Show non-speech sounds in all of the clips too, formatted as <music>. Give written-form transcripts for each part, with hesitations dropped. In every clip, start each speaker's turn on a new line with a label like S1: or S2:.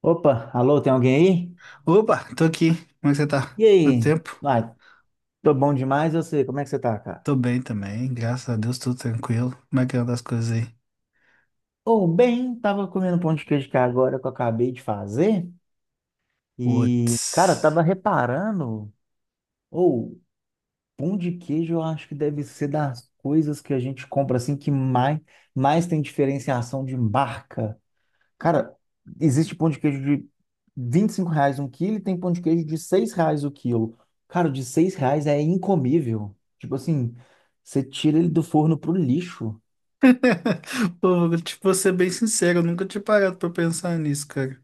S1: Opa, alô, tem alguém aí?
S2: Opa, tô aqui. Como é que você tá?
S1: E
S2: Quanto
S1: aí?
S2: tempo?
S1: Vai, tô bom demais, eu sei. Como é que você tá, cara?
S2: Tô bem também, graças a Deus, tudo tranquilo. Como é que anda as coisas aí?
S1: Ô, bem, tava comendo pão de queijo que agora que eu acabei de fazer. E, cara,
S2: Putz.
S1: tava reparando. Ou, pão de queijo eu acho que deve ser das coisas que a gente compra assim que mais tem diferenciação de marca. Cara, existe pão de queijo de R$ 25 um quilo e tem pão de queijo de R$ 6 o quilo. Cara, o de R$ 6 é incomível. Tipo assim, você tira ele do forno pro lixo.
S2: <laughs> Pô, vou ser bem sincero, eu nunca tinha parado pra pensar nisso, cara.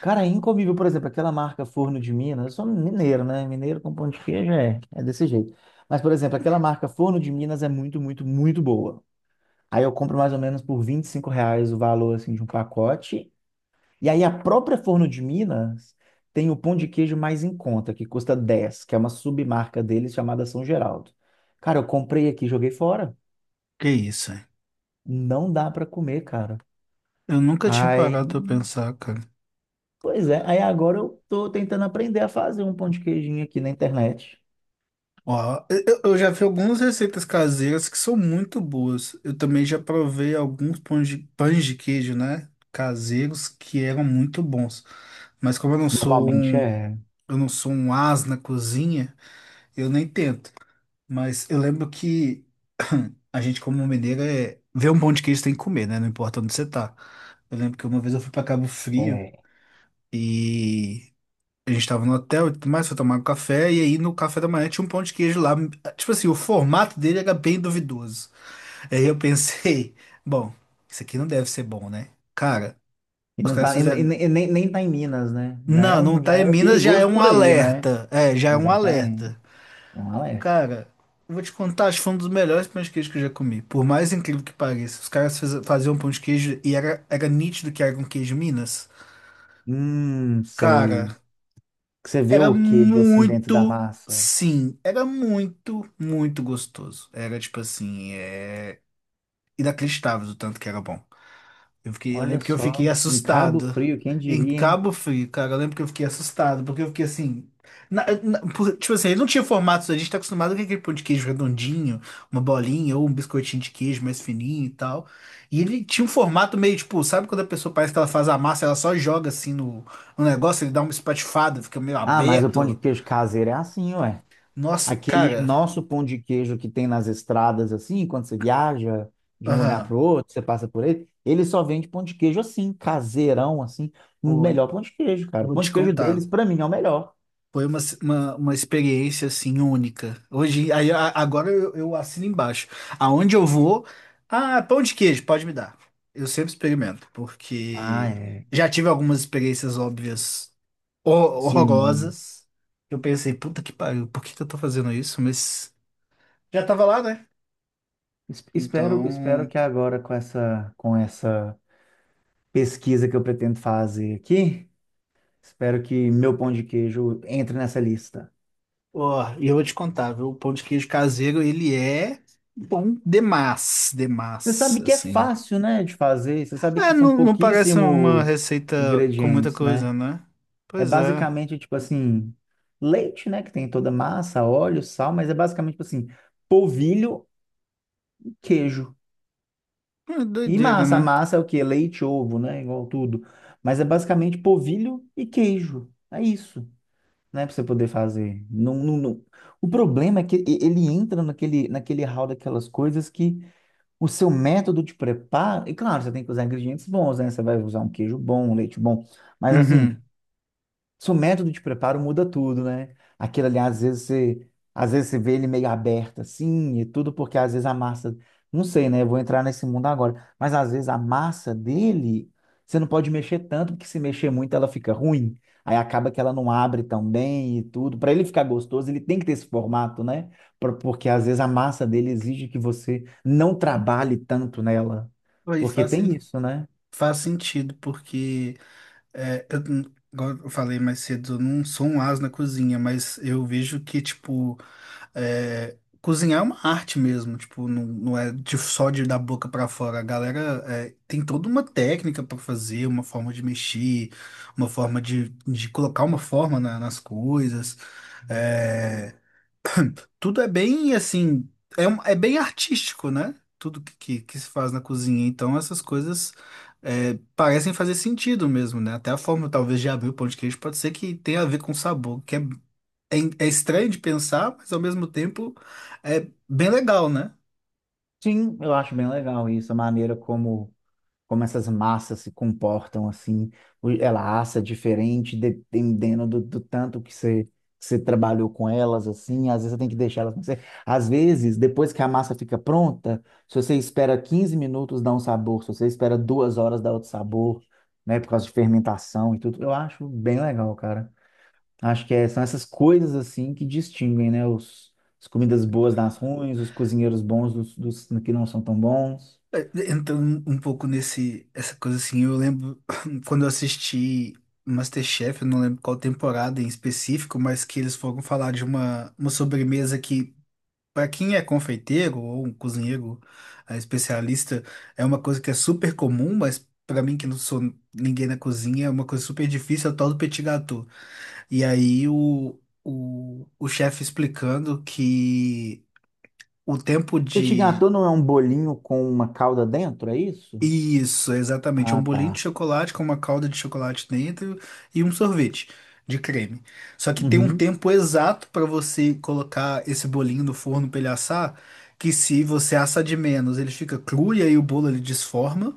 S1: Cara, é incomível, por exemplo, aquela marca Forno de Minas. Eu sou mineiro, né? Mineiro com pão de queijo é desse jeito. Mas, por exemplo, aquela marca Forno de Minas é muito, muito, muito boa. Aí eu compro mais ou menos por R$ 25 o valor assim, de um pacote. E aí a própria Forno de Minas tem o pão de queijo mais em conta, que custa 10, que é uma submarca deles chamada São Geraldo. Cara, eu comprei aqui, joguei fora.
S2: Que isso, hein?
S1: Não dá para comer, cara.
S2: Eu nunca tinha
S1: Aí,
S2: parado pra pensar, cara.
S1: pois é, aí agora eu tô tentando aprender a fazer um pão de queijinho aqui na internet.
S2: Ó, eu já vi algumas receitas caseiras que são muito boas. Eu também já provei alguns pães de queijo, né? Caseiros que eram muito bons. Mas como
S1: Normalmente é,
S2: eu não sou um ás na cozinha. Eu nem tento. Mas eu lembro que <clears throat> a gente, como mineiro, é... vê um pão de queijo tem que comer, né? Não importa onde você tá. Eu lembro que uma vez eu fui pra Cabo Frio
S1: é.
S2: e a gente tava no hotel e tudo mais, foi tomar um café. E aí no café da manhã tinha um pão de queijo lá. Tipo assim, o formato dele era bem duvidoso. Aí eu pensei, <laughs> bom, isso aqui não deve ser bom, né? Cara,
S1: E
S2: os
S1: não
S2: caras
S1: tá, e,
S2: fizeram.
S1: e- e nem tá em Minas, né?
S2: Não, não
S1: Já
S2: tá em
S1: é
S2: Minas, já é
S1: perigoso
S2: um
S1: por aí, né?
S2: alerta. É, já é um
S1: Exatamente.
S2: alerta.
S1: É um alerta.
S2: Cara, eu vou te contar, acho que foi um dos melhores pão de queijo que eu já comi. Por mais incrível que pareça, os caras faziam um pão de queijo e era, era nítido que era um queijo Minas. Cara,
S1: Sei. Você vê
S2: era
S1: o queijo assim dentro da
S2: muito,
S1: massa.
S2: sim, era muito, muito gostoso. Era tipo assim, é inacreditável o tanto que era bom. Eu fiquei, eu
S1: Olha
S2: lembro que eu
S1: só,
S2: fiquei
S1: em Cabo
S2: assustado.
S1: Frio, quem
S2: Em
S1: diria, hein?
S2: Cabo Frio, cara, eu lembro que eu fiquei assustado, porque eu fiquei assim. Tipo assim, ele não tinha formato, a gente tá acostumado com aquele pão de queijo redondinho, uma bolinha ou um biscoitinho de queijo mais fininho e tal. E ele tinha um formato meio tipo, sabe quando a pessoa parece que ela faz a massa, ela só joga assim no negócio, ele dá uma espatifada, fica meio
S1: Ah, mas o pão de
S2: aberto.
S1: queijo caseiro é assim, ué.
S2: Nossa,
S1: Aquele
S2: cara.
S1: nosso pão de queijo que tem nas estradas, assim, quando você viaja de um lugar
S2: Aham.
S1: para o outro, você passa por ele, ele só vende pão de queijo assim, caseirão, assim. O
S2: Oi,
S1: melhor pão de queijo, cara. O
S2: vou
S1: pão
S2: te
S1: de queijo deles,
S2: contar.
S1: para mim, é o melhor.
S2: Foi uma experiência assim única. Hoje, agora eu assino embaixo. Aonde eu vou, ah, pão de queijo, pode me dar. Eu sempre experimento,
S1: Ah,
S2: porque
S1: é.
S2: já tive algumas experiências óbvias
S1: Sim.
S2: horrorosas. Eu pensei, puta que pariu, por que que eu tô fazendo isso? Mas já tava lá, né?
S1: Espero
S2: Então,
S1: que agora com essa pesquisa que eu pretendo fazer aqui, espero que meu pão de queijo entre nessa lista.
S2: ó, e eu vou te contar, viu? O pão de queijo caseiro, ele é bom demais,
S1: Você
S2: demais,
S1: sabe que é
S2: assim.
S1: fácil, né, de fazer. Você sabe
S2: É,
S1: que são
S2: não, não parece uma
S1: pouquíssimos
S2: receita com muita
S1: ingredientes,
S2: coisa,
S1: né?
S2: né?
S1: É
S2: Pois é.
S1: basicamente tipo assim, leite, né, que tem toda a massa, óleo, sal, mas é basicamente tipo assim, polvilho, queijo
S2: É
S1: e
S2: doideira,
S1: massa. A
S2: né?
S1: massa é o quê? Leite, ovo, né, igual tudo. Mas é basicamente polvilho e queijo. É isso, né, para você poder fazer. Não, não, não. O problema é que ele entra naquele hall daquelas coisas que o seu método de preparo, e claro, você tem que usar ingredientes bons, né? Você vai usar um queijo bom, um leite bom, mas assim,
S2: Uhum.
S1: seu método de preparo muda tudo, né? Aquilo ali, às vezes você vê ele meio aberto assim e tudo, porque às vezes a massa, não sei, né? Eu vou entrar nesse mundo agora, mas às vezes a massa dele, você não pode mexer tanto, porque se mexer muito ela fica ruim. Aí acaba que ela não abre tão bem e tudo. Para ele ficar gostoso, ele tem que ter esse formato, né? Porque às vezes a massa dele exige que você não trabalhe tanto nela.
S2: Aí
S1: Porque
S2: faz, sen-
S1: tem isso, né?
S2: Faz sentido, porque, é, igual eu falei mais cedo, eu não sou um as na cozinha, mas eu vejo que, tipo, é, cozinhar é uma arte mesmo, tipo, não, não é de- só de da boca pra fora. A galera é, tem toda uma técnica pra fazer, uma forma de mexer, uma forma de colocar uma forma nas coisas. É, <clears throat> Tudo é bem assim, é bem artístico, né? Tudo que se faz na cozinha. Então, essas coisas é, parecem fazer sentido mesmo, né? Até a forma, talvez, de abrir o pão de queijo pode ser que tenha a ver com sabor, que é, é estranho de pensar, mas ao mesmo tempo é bem legal, né?
S1: Sim, eu acho bem legal isso, a maneira como essas massas se comportam assim, ela assa diferente dependendo do tanto que você trabalhou com elas assim, às vezes você tem que deixar elas, cozerem. Às vezes depois que a massa fica pronta, se você espera 15 minutos dá um sabor, se você espera 2 horas dá outro sabor, né, por causa de fermentação e tudo, eu acho bem legal, cara. Acho que são essas coisas assim que distinguem, né, as comidas boas das ruins, os cozinheiros bons dos que não são tão bons.
S2: É, entrando um pouco nesse, essa coisa assim, eu lembro <clears throat> quando eu assisti MasterChef, eu não lembro qual temporada em específico, mas que eles foram falar de uma sobremesa que, para quem é confeiteiro ou um cozinheiro especialista, é uma coisa que é super comum, mas para mim, que não sou ninguém na cozinha, é uma coisa super difícil, é o tal do petit gâteau. E aí o chefe explicando que o tempo
S1: Petit
S2: de...
S1: gâteau não é um bolinho com uma calda dentro, é isso?
S2: Isso, exatamente. É um
S1: Ah,
S2: bolinho de
S1: tá.
S2: chocolate com uma calda de chocolate dentro e um sorvete de creme. Só que tem um
S1: Uhum,
S2: tempo exato para você colocar esse bolinho no forno para ele assar, que se você assa de menos, ele fica cru e aí o bolo ele desforma.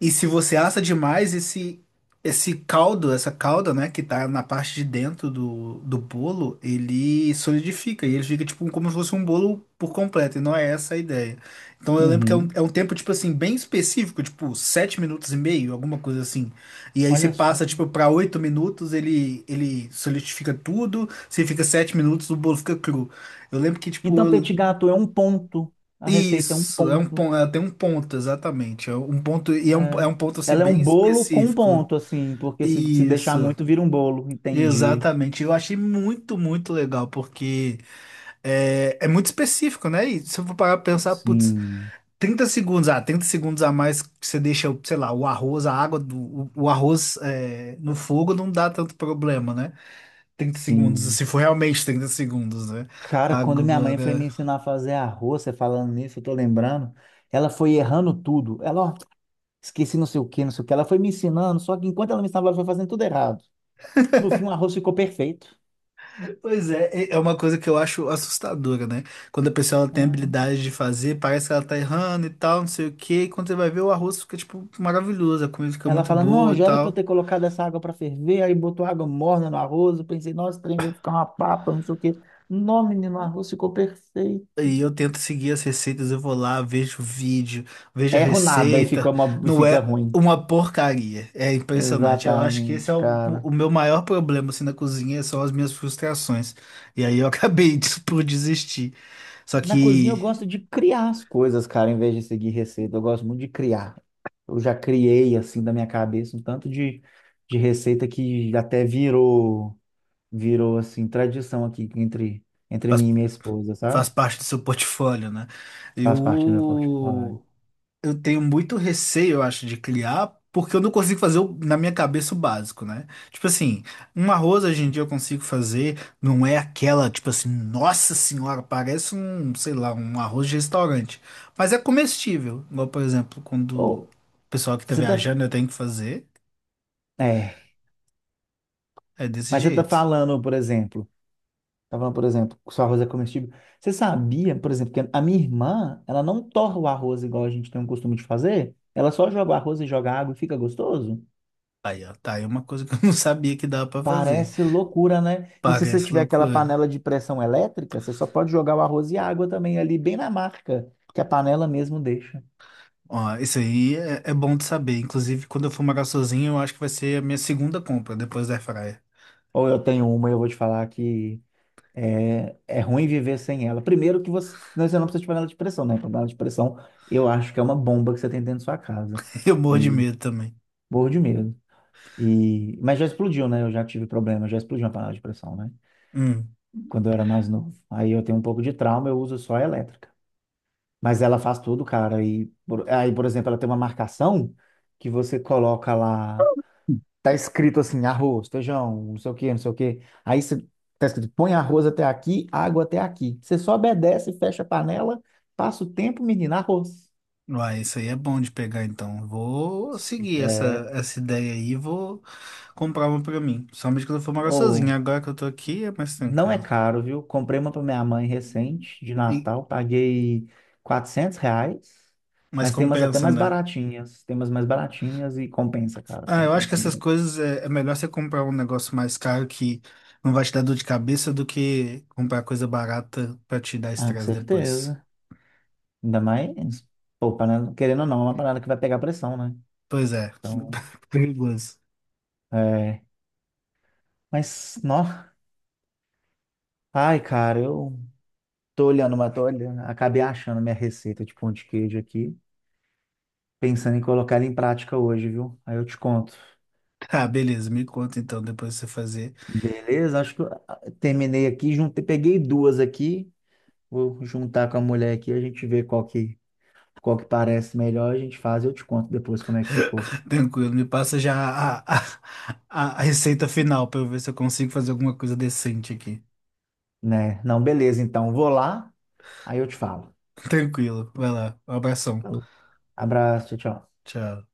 S2: E se você assa demais, esse caldo, essa calda, né, que tá na parte de dentro do bolo, ele solidifica e ele fica tipo como se fosse um bolo por completo, e não é essa a ideia. Então eu lembro que
S1: uhum.
S2: é um tempo, tipo assim, bem específico, tipo 7 minutos e meio, alguma coisa assim. E aí você
S1: Olha
S2: passa,
S1: só.
S2: tipo, pra 8 minutos, ele solidifica tudo, se fica 7 minutos, o bolo fica cru. Eu lembro que, tipo,
S1: Então,
S2: eu
S1: petit gâteau é um ponto. A receita é um
S2: isso, é um
S1: ponto.
S2: ponto, tem um ponto, exatamente. É um ponto, e é
S1: É.
S2: um ponto assim
S1: Ela é um
S2: bem
S1: bolo com um
S2: específico.
S1: ponto, assim, porque se deixar
S2: Isso,
S1: muito, vira um bolo. Entendi.
S2: exatamente. Eu achei muito, muito legal, porque é é muito específico, né? E se eu for parar pra pensar, putz,
S1: Sim,
S2: 30 segundos, ah, 30 segundos a mais que você deixa, sei lá, o arroz, a água o arroz, é, no fogo não dá tanto problema, né? 30 segundos,
S1: sim.
S2: se for realmente 30 segundos, né?
S1: Cara, quando minha mãe foi
S2: Agora.
S1: me ensinar a fazer arroz, você falando nisso, eu tô lembrando, ela foi errando tudo. Ela, ó, esqueci não sei o que, não sei o que. Ela foi me ensinando, só que enquanto ela me ensinava, ela foi fazendo tudo errado. No fim, o arroz ficou perfeito.
S2: Pois é, é uma coisa que eu acho assustadora, né? Quando a pessoa ela tem
S1: Ah,
S2: habilidade de fazer, parece que ela tá errando e tal, não sei o quê. E quando você vai ver, o arroz fica, tipo, maravilhoso, a comida fica
S1: ela
S2: muito
S1: fala,
S2: boa
S1: não,
S2: e
S1: já era para eu
S2: tal.
S1: ter colocado essa água para ferver, aí botou água morna no arroz, eu pensei, nossa, trem vai ficar uma papa, não sei o quê. Não, menino, o arroz ficou perfeito.
S2: E eu tento seguir as receitas, eu vou lá, vejo o vídeo, vejo a
S1: Erro nada e fica,
S2: receita.
S1: uma, e
S2: Não
S1: fica
S2: é
S1: ruim.
S2: uma porcaria. É impressionante. Eu acho que esse é
S1: Exatamente, cara.
S2: o meu maior problema, assim, na cozinha, são as minhas frustrações. E aí eu <laughs> acabei de- por desistir. Só
S1: Na cozinha eu
S2: que...
S1: gosto de criar as coisas, cara, em vez de seguir receita, eu gosto muito de criar. Eu já criei, assim, da minha cabeça, um tanto de receita que até virou, assim, tradição aqui entre mim e minha esposa,
S2: Faz
S1: sabe?
S2: parte do seu portfólio, né?
S1: Faz parte do meu portfólio.
S2: Eu eu tenho muito receio, eu acho, de criar, porque eu não consigo fazer na minha cabeça o básico, né? Tipo assim, um arroz hoje em dia eu consigo fazer, não é aquela, tipo assim, nossa senhora, parece um, sei lá, um arroz de restaurante, mas é comestível. Igual, por exemplo, quando o
S1: Ou
S2: pessoal que tá
S1: você tá.
S2: viajando eu tenho que fazer,
S1: É.
S2: é desse
S1: Mas você tá
S2: jeito.
S1: falando, por exemplo. Tá falando, por exemplo, que o seu arroz é comestível. Você sabia, por exemplo, que a minha irmã, ela não torra o arroz igual a gente tem o costume de fazer? Ela só joga o arroz e joga água e fica gostoso?
S2: Aí, ó, tá aí uma coisa que <laughs> eu não sabia que dava pra fazer.
S1: Parece loucura, né? E se você
S2: Parece
S1: tiver aquela
S2: loucura.
S1: panela de pressão elétrica, você só pode jogar o arroz e a água também ali, bem na marca, que a panela mesmo deixa.
S2: Ó, isso aí é é bom de saber. Inclusive, quando eu for morar sozinho, eu acho que vai ser a minha segunda compra depois da airfryer.
S1: Ou eu tenho uma e eu vou te falar que é, é ruim viver sem ela. Primeiro que você não precisa de panela de pressão, né? Panela de pressão, eu acho que é uma bomba que você tem dentro da sua casa.
S2: <laughs> Eu morro de
S1: E
S2: medo também.
S1: morro de medo. E, mas já explodiu, né? Eu já tive problema, já explodiu uma panela de pressão, né?
S2: Hum.
S1: Quando eu era mais novo. Aí eu tenho um pouco de trauma, eu uso só a elétrica. Mas ela faz tudo, cara. Aí, por exemplo, ela tem uma marcação que você coloca lá. Tá escrito assim, arroz, feijão, não sei o quê, não sei o quê. Aí você, tá escrito, põe arroz até aqui, água até aqui. Você só obedece, fecha a panela, passa o tempo, menina, arroz.
S2: Uai, isso aí é bom de pegar, então. Vou seguir
S1: É,
S2: essa ideia aí e vou comprar uma pra mim. Somente quando eu for morar sozinho.
S1: ou
S2: Agora que eu tô aqui, é mais
S1: não é
S2: tranquilo.
S1: caro, viu? Comprei uma para minha mãe recente, de
S2: E,
S1: Natal, paguei R$ 400,
S2: mas
S1: mas tem umas até
S2: compensa,
S1: mais
S2: né?
S1: baratinhas, tem umas mais baratinhas e compensa, cara,
S2: Ah, eu acho que
S1: compensa
S2: essas
S1: muito.
S2: coisas, é é melhor você comprar um negócio mais caro que não vai te dar dor de cabeça do que comprar coisa barata pra te dar
S1: Ah, com
S2: estresse depois.
S1: certeza. Ainda mais, pô, panela, querendo ou não, é uma panela que vai pegar pressão, né?
S2: Pois é,
S1: Então,
S2: <laughs> perigoso.
S1: é. Mas, nó, ai, cara, eu tô olhando, uma tô olhando. Acabei achando minha receita de pão de queijo aqui, pensando em colocar ela em prática hoje, viu? Aí eu te conto.
S2: Ah, beleza, me conta então, depois que você fazer.
S1: Beleza? Acho que terminei aqui, juntei, peguei duas aqui. Vou juntar com a mulher aqui, a gente vê qual que parece melhor, a gente faz eu te conto depois como é que ficou,
S2: <laughs> Tranquilo, me passa já a receita final pra eu ver se eu consigo fazer alguma coisa decente aqui.
S1: né? Não, beleza, então, vou lá, aí eu te falo.
S2: Tranquilo, vai lá, um abração.
S1: Falou. Abraço, tchau, tchau.
S2: Tchau.